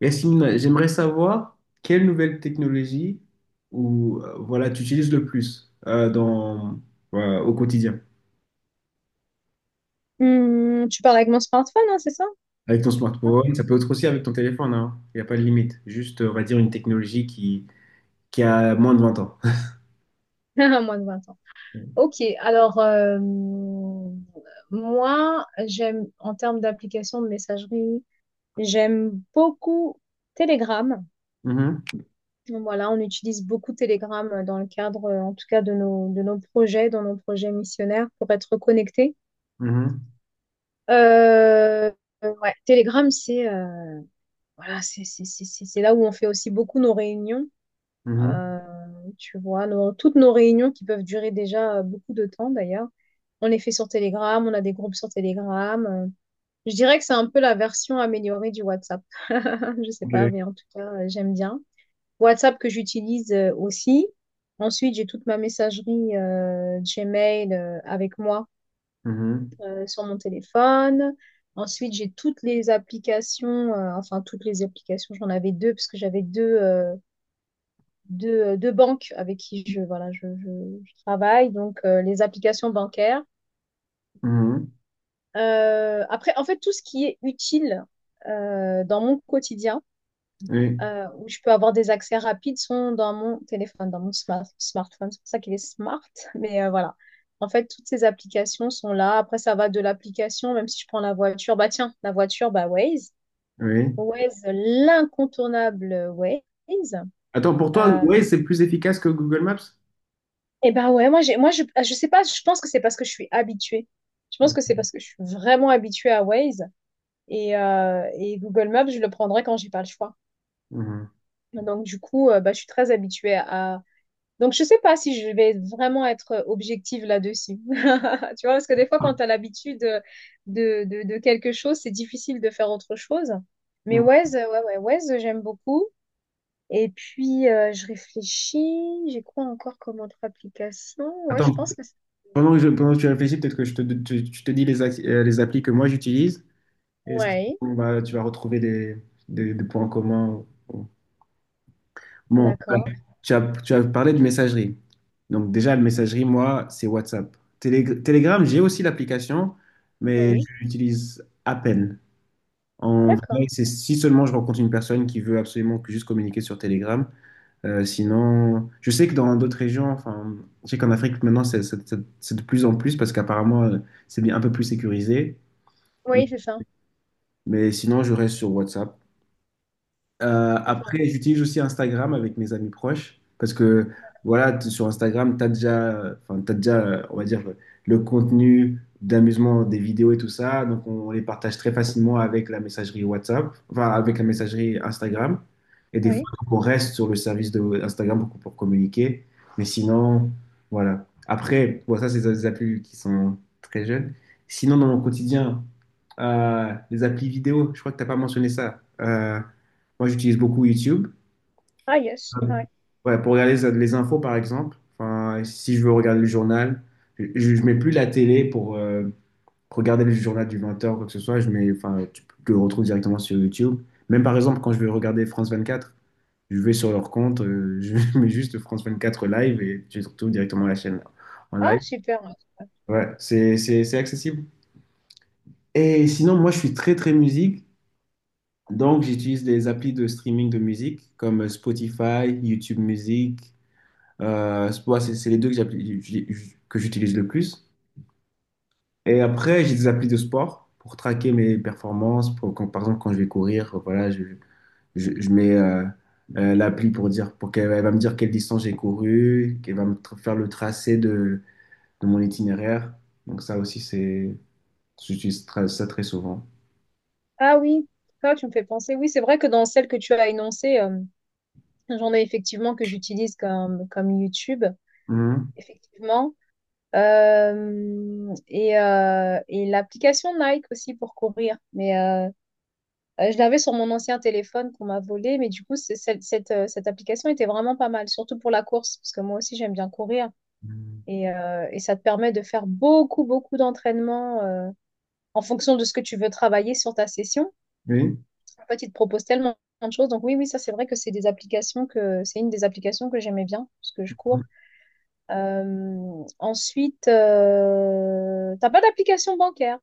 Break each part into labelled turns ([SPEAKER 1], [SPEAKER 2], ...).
[SPEAKER 1] Yacine, j'aimerais savoir quelle nouvelle technologie ou tu utilises le plus dans, voilà, au quotidien.
[SPEAKER 2] Hmm, tu parles avec mon smartphone, hein, c'est ça?
[SPEAKER 1] Avec ton smartphone, ça peut être aussi avec ton téléphone, hein. Il n'y a pas de limite. Juste, on va dire, une technologie qui a moins de 20 ans.
[SPEAKER 2] À moins de 20 ans. Ok, alors moi, j'aime, en termes d'application de messagerie, j'aime beaucoup Telegram.
[SPEAKER 1] Mhm,
[SPEAKER 2] Voilà, on utilise beaucoup Telegram dans le cadre, en tout cas, de nos projets, dans nos projets missionnaires pour être connectés.
[SPEAKER 1] mhm,
[SPEAKER 2] Euh, ouais, Telegram, c'est voilà, c'est là où on fait aussi beaucoup nos réunions.
[SPEAKER 1] mhm.
[SPEAKER 2] Euh, Tu vois, toutes nos réunions qui peuvent durer déjà beaucoup de temps d'ailleurs, on les fait sur Telegram, on a des groupes sur Telegram. Je dirais que c'est un peu la version améliorée du WhatsApp. Je sais pas,
[SPEAKER 1] Ok.
[SPEAKER 2] mais en tout cas, j'aime bien. WhatsApp que j'utilise aussi. Ensuite, j'ai toute ma messagerie Gmail avec moi
[SPEAKER 1] Mhm,
[SPEAKER 2] sur mon téléphone. Ensuite, j'ai toutes les applications, enfin toutes les applications, j'en avais deux parce que j'avais deux. De banques avec qui je, voilà, je travaille, donc les applications bancaires.
[SPEAKER 1] mhm.
[SPEAKER 2] Après, en fait, tout ce qui est utile dans mon quotidien,
[SPEAKER 1] Oui,
[SPEAKER 2] où je peux avoir des accès rapides, sont dans mon téléphone, dans mon smartphone. C'est pour ça qu'il est smart, mais voilà. En fait, toutes ces applications sont là. Après, ça va de l'application, même si je prends la voiture. Bah tiens, la voiture, bah Waze.
[SPEAKER 1] oui.
[SPEAKER 2] Waze, l'incontournable Waze.
[SPEAKER 1] Attends, pour toi,
[SPEAKER 2] Euh,
[SPEAKER 1] ouais, c'est plus efficace que Google Maps?
[SPEAKER 2] Et ben ouais, moi je sais pas, je pense que c'est parce que je suis habituée. Je pense que c'est parce que je suis vraiment habituée à Waze et Google Maps, je le prendrai quand j'ai pas le choix.
[SPEAKER 1] Mhm.
[SPEAKER 2] Donc du coup, bah, je suis très habituée à Donc je sais pas si je vais vraiment être objective là-dessus. Tu vois, parce que des fois quand tu as l'habitude de quelque chose, c'est difficile de faire autre chose. Mais
[SPEAKER 1] Mhm.
[SPEAKER 2] Waze, ouais ouais, Waze, j'aime beaucoup. Et puis je réfléchis, j'ai quoi encore comme autre application? Ouais, je
[SPEAKER 1] Attends,
[SPEAKER 2] pense que c'est.
[SPEAKER 1] pendant que tu réfléchis, peut-être que je tu te dis les applis que moi j'utilise. Et c'est
[SPEAKER 2] Ouais,
[SPEAKER 1] surtout, bah, tu vas retrouver des points communs. Bon, voilà.
[SPEAKER 2] d'accord,
[SPEAKER 1] Tu as parlé de messagerie. Donc déjà, la messagerie, moi, c'est WhatsApp. Telegram, j'ai aussi l'application, mais je
[SPEAKER 2] oui,
[SPEAKER 1] l'utilise à peine. En vrai,
[SPEAKER 2] d'accord.
[SPEAKER 1] c'est si seulement je rencontre une personne qui veut absolument que juste communiquer sur Telegram. Sinon, je sais que dans d'autres régions, enfin, je sais qu'en Afrique maintenant, c'est de plus en plus parce qu'apparemment, c'est bien un peu plus sécurisé.
[SPEAKER 2] Oui,
[SPEAKER 1] Mais sinon, je reste sur WhatsApp.
[SPEAKER 2] c'est ça,
[SPEAKER 1] Après, j'utilise aussi Instagram avec mes amis proches parce que voilà, sur Instagram, tu as déjà, enfin, t'as déjà, on va dire, le contenu d'amusement des vidéos et tout ça. Donc, on les partage très facilement avec la messagerie WhatsApp, enfin, avec la messagerie Instagram. Et des fois,
[SPEAKER 2] oui.
[SPEAKER 1] donc, on reste sur le service de Instagram pour communiquer. Mais sinon, voilà. Après, bon, ça, c'est des applis qui sont très jeunes. Sinon, dans mon quotidien, les applis vidéo, je crois que tu n'as pas mentionné ça. Moi, j'utilise beaucoup YouTube.
[SPEAKER 2] Ah, yes, ouais.
[SPEAKER 1] Ouais, pour regarder les infos, par exemple. Enfin, si je veux regarder le journal, je, je mets plus la télé pour regarder le journal du 20 heures ou quoi que ce soit. Je mets, enfin, tu le retrouves directement sur YouTube. Même par exemple, quand je veux regarder France 24, je vais sur leur compte, je mets juste France 24 live et je retrouve directement la chaîne en
[SPEAKER 2] Ah,
[SPEAKER 1] live.
[SPEAKER 2] super, ouais, super.
[SPEAKER 1] Ouais, c'est accessible. Et sinon, moi, je suis très, très musique. Donc, j'utilise des applis de streaming de musique comme Spotify, YouTube Music. C'est les deux que que j'utilise le plus. Et après, j'ai des applis de sport pour traquer mes performances. Par exemple, quand je vais courir, voilà, je mets l'appli pour dire, pour qu'elle elle va me dire quelle distance j'ai couru, qu'elle va faire le tracé de mon itinéraire. Donc ça aussi, c'est, j'utilise ça très souvent.
[SPEAKER 2] Ah oui, ah, tu me fais penser. Oui, c'est vrai que dans celle que tu as énoncée, j'en ai effectivement que j'utilise comme YouTube,
[SPEAKER 1] Mhm.
[SPEAKER 2] effectivement. Et l'application Nike aussi pour courir. Mais je l'avais sur mon ancien téléphone qu'on m'a volé, mais du coup, cette application était vraiment pas mal, surtout pour la course, parce que moi aussi, j'aime bien courir.
[SPEAKER 1] Mhm.
[SPEAKER 2] Et ça te permet de faire beaucoup, beaucoup d'entraînements en fonction de ce que tu veux travailler sur ta session.
[SPEAKER 1] Oui.
[SPEAKER 2] En fait, il te propose tellement de choses. Donc oui, oui, ça c'est vrai que c'est des applications que c'est une des applications que j'aimais bien parce que je cours. Ensuite, t'as pas d'application bancaire,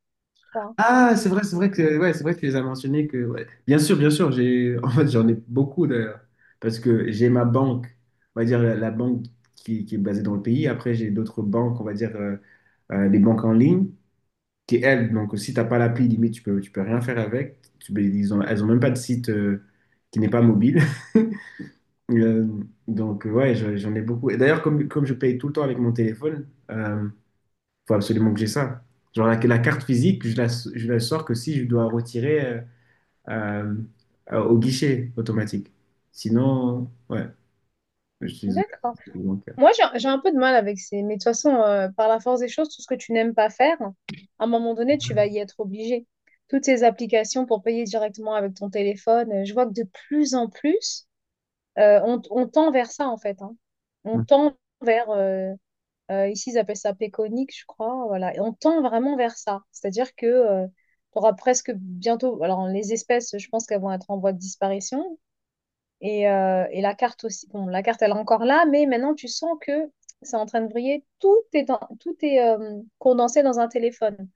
[SPEAKER 2] toi?
[SPEAKER 1] Ah, c'est
[SPEAKER 2] Oui.
[SPEAKER 1] vrai, c'est vrai que tu les as mentionnés que ouais. Bien sûr, j'ai en fait j'en ai beaucoup d'ailleurs parce que j'ai ma banque, on va dire la banque qui est basée dans le pays. Après j'ai d'autres banques, on va dire des banques en ligne qui elles donc si t'as pas l'appli limite tu peux rien faire avec. Elles ont même pas de site qui n'est pas mobile. Euh, donc ouais, j'en ai beaucoup. Et d'ailleurs comme je paye tout le temps avec mon téléphone. Faut absolument que j'ai ça. Genre la carte physique, je la sors que si je dois retirer euh, au guichet automatique. Sinon, ouais, je suis
[SPEAKER 2] D'accord.
[SPEAKER 1] bancaire.
[SPEAKER 2] Moi, j'ai un peu de mal avec ces. Mais de toute façon, par la force des choses, tout ce que tu n'aimes pas faire, à un moment donné, tu vas y être obligé. Toutes ces applications pour payer directement avec ton téléphone, je vois que de plus en plus, on tend vers ça, en fait, hein. On
[SPEAKER 1] Mm,
[SPEAKER 2] tend vers. Ici, ils appellent ça péconique, je crois. Voilà. Et on tend vraiment vers ça. C'est-à-dire que tu auras presque bientôt, alors les espèces, je pense qu'elles vont être en voie de disparition, et la carte aussi, bon, la carte, elle est encore là, mais maintenant, tu sens que c'est en train de briller. Tout est condensé dans un téléphone.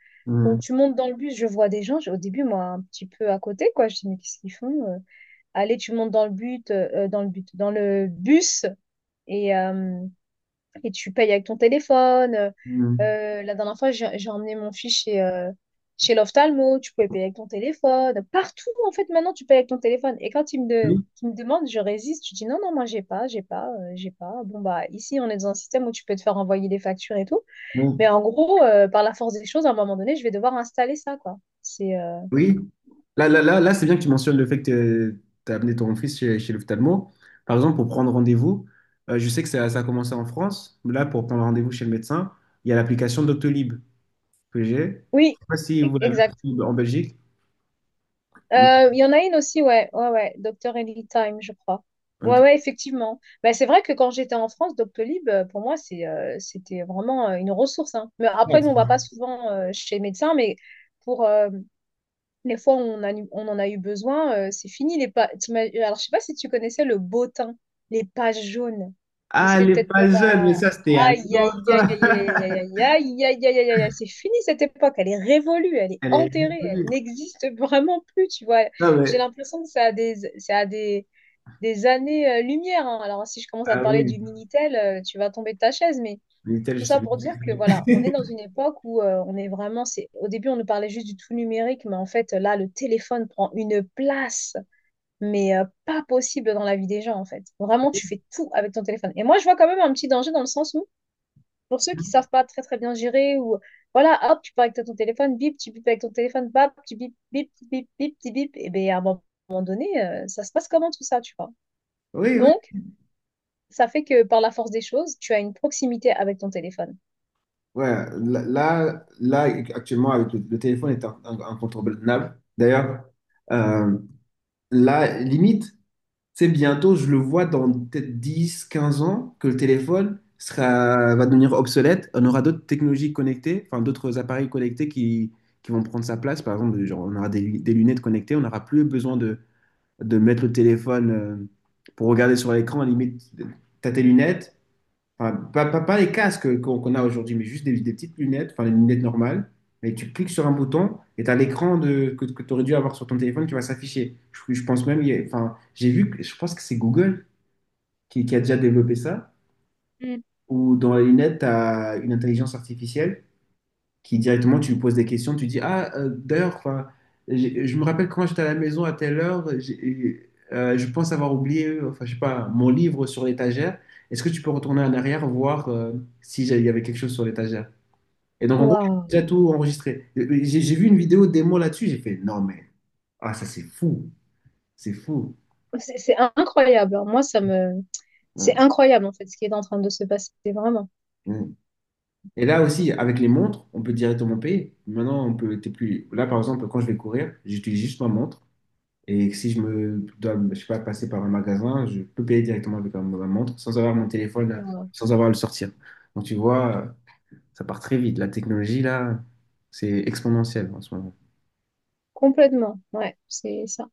[SPEAKER 2] Donc, tu montes dans le bus, je vois des gens, au début, moi, un petit peu à côté, quoi. Je dis, mais qu'est-ce qu'ils font? Allez, tu montes dans le bus, et, euh, et tu payes avec ton téléphone. Euh,
[SPEAKER 1] mm, mm.
[SPEAKER 2] euh, la dernière fois, j'ai emmené mon fils chez, chez l'ophtalmo, tu pouvais payer avec ton téléphone. Partout, en fait, maintenant, tu payes avec ton téléphone. Et quand
[SPEAKER 1] Oui,
[SPEAKER 2] il me demande, je résiste, je dis non, non, moi, j'ai pas, j'ai pas, j'ai pas. Bon, bah, ici, on est dans un système où tu peux te faire envoyer des factures et tout. Mais
[SPEAKER 1] oui.
[SPEAKER 2] en gros, par la force des choses, à un moment donné, je vais devoir installer ça, quoi. C'est.
[SPEAKER 1] Oui. Là, c'est bien que tu mentionnes le fait que tu as amené ton fils chez, chez l'ophtalmo. Par exemple, pour prendre rendez-vous, je sais que ça a commencé en France. Là, pour prendre rendez-vous chez le médecin, il y a l'application Doctolib que j'ai. Je
[SPEAKER 2] Oui,
[SPEAKER 1] sais pas si vous l'avez
[SPEAKER 2] exact.
[SPEAKER 1] aussi en Belgique. Mm,
[SPEAKER 2] Il y en a une aussi, ouais, ouais, ouais, docteur Ellie Time, je crois. Ouais,
[SPEAKER 1] ok.
[SPEAKER 2] ouais, effectivement. Bah, c'est vrai que quand j'étais en France, Doctolib, pour moi, c'était vraiment une ressource, hein. Mais après, nous, on va pas
[SPEAKER 1] Ouais,
[SPEAKER 2] souvent chez les médecins, mais pour, les fois où on en a eu besoin, c'est fini. Alors, je sais pas si tu connaissais le bottin, les pages jaunes. Vous
[SPEAKER 1] ah, elle
[SPEAKER 2] savez
[SPEAKER 1] est
[SPEAKER 2] peut-être pas
[SPEAKER 1] pas jeune, mais
[SPEAKER 2] ta.
[SPEAKER 1] ça, c'était à
[SPEAKER 2] Aïe, aïe, aïe, aïe,
[SPEAKER 1] l'autre.
[SPEAKER 2] aïe, aïe, aïe, aïe, aïe, aïe, aïe, aïe, aïe, c'est fini cette époque. Elle est révolue, elle est
[SPEAKER 1] Elle est
[SPEAKER 2] enterrée, elle
[SPEAKER 1] reconnue.
[SPEAKER 2] n'existe vraiment plus, tu vois.
[SPEAKER 1] Non,
[SPEAKER 2] J'ai
[SPEAKER 1] mais,
[SPEAKER 2] l'impression que ça a des années-lumière. Alors, si je commence à te
[SPEAKER 1] ah
[SPEAKER 2] parler
[SPEAKER 1] oui,
[SPEAKER 2] du Minitel, tu vas tomber de ta chaise, mais
[SPEAKER 1] Minitel,
[SPEAKER 2] tout
[SPEAKER 1] je sais
[SPEAKER 2] ça
[SPEAKER 1] même
[SPEAKER 2] pour
[SPEAKER 1] ce que
[SPEAKER 2] dire que voilà, on est
[SPEAKER 1] c'est.
[SPEAKER 2] dans une époque où on est vraiment, c'est au début on nous parlait juste du tout numérique, mais en fait là le téléphone prend une place, mais pas possible dans la vie des gens en fait. Vraiment tu fais tout avec ton téléphone. Et moi je vois quand même un petit danger dans le sens où pour ceux qui savent pas très très bien gérer ou voilà hop tu parles avec ton téléphone, bip tu bip avec ton téléphone, bap tu bip bip bip bip bip, bip et bien à un moment donné ça se passe comment tout ça tu vois.
[SPEAKER 1] Oui, oui.
[SPEAKER 2] Donc ça fait que par la force des choses, tu as une proximité avec ton téléphone.
[SPEAKER 1] Ouais, là, actuellement, avec le téléphone est incontournable. D'ailleurs, euh, là, limite, c'est bientôt, je le vois dans peut-être 10, 15 ans, que le téléphone sera, va devenir obsolète. On aura d'autres technologies connectées, enfin, d'autres appareils connectés qui vont prendre sa place. Par exemple, genre, on aura des lunettes connectées, on n'aura plus besoin de mettre le téléphone pour regarder sur l'écran, à la limite, t'as tes lunettes, enfin, pas les casques qu'on a aujourd'hui, mais juste des petites lunettes, enfin les lunettes normales, et tu cliques sur un bouton et t'as l'écran que tu aurais dû avoir sur ton téléphone qui va s'afficher. Je pense même, il y a- enfin, j'ai vu, que- je pense que c'est Google qui a déjà développé ça,
[SPEAKER 2] Mm.
[SPEAKER 1] où dans les lunettes, t'as une intelligence artificielle qui directement, tu lui poses des questions, tu dis, ah, je me rappelle quand j'étais à la maison à telle heure, je pense avoir oublié, enfin, je sais pas, mon livre sur l'étagère. Est-ce que tu peux retourner en arrière, voir si il y avait quelque chose sur l'étagère? Et donc, en gros, j'ai
[SPEAKER 2] Waouh.
[SPEAKER 1] déjà tout enregistré. J'ai vu une vidéo démo là-dessus, j'ai fait, non, mais, ah, ça, c'est fou, c'est fou.
[SPEAKER 2] C'est incroyable, hein. Moi, ça me.
[SPEAKER 1] Ouais.
[SPEAKER 2] C'est incroyable, en fait, ce qui est en train de se passer, vraiment.
[SPEAKER 1] Ouais. Et là aussi, avec les montres, on peut directement payer. Maintenant, on peut, t'es plus. Là, par exemple, quand je vais courir, j'utilise juste ma montre. Et si je me dois, je sais pas, passer par un magasin, je peux payer directement avec ma montre sans avoir mon téléphone,
[SPEAKER 2] Euh,
[SPEAKER 1] sans avoir à le sortir. Donc tu vois, ça part très vite. La technologie, là, c'est exponentiel en ce moment.
[SPEAKER 2] complètement. Ouais, c'est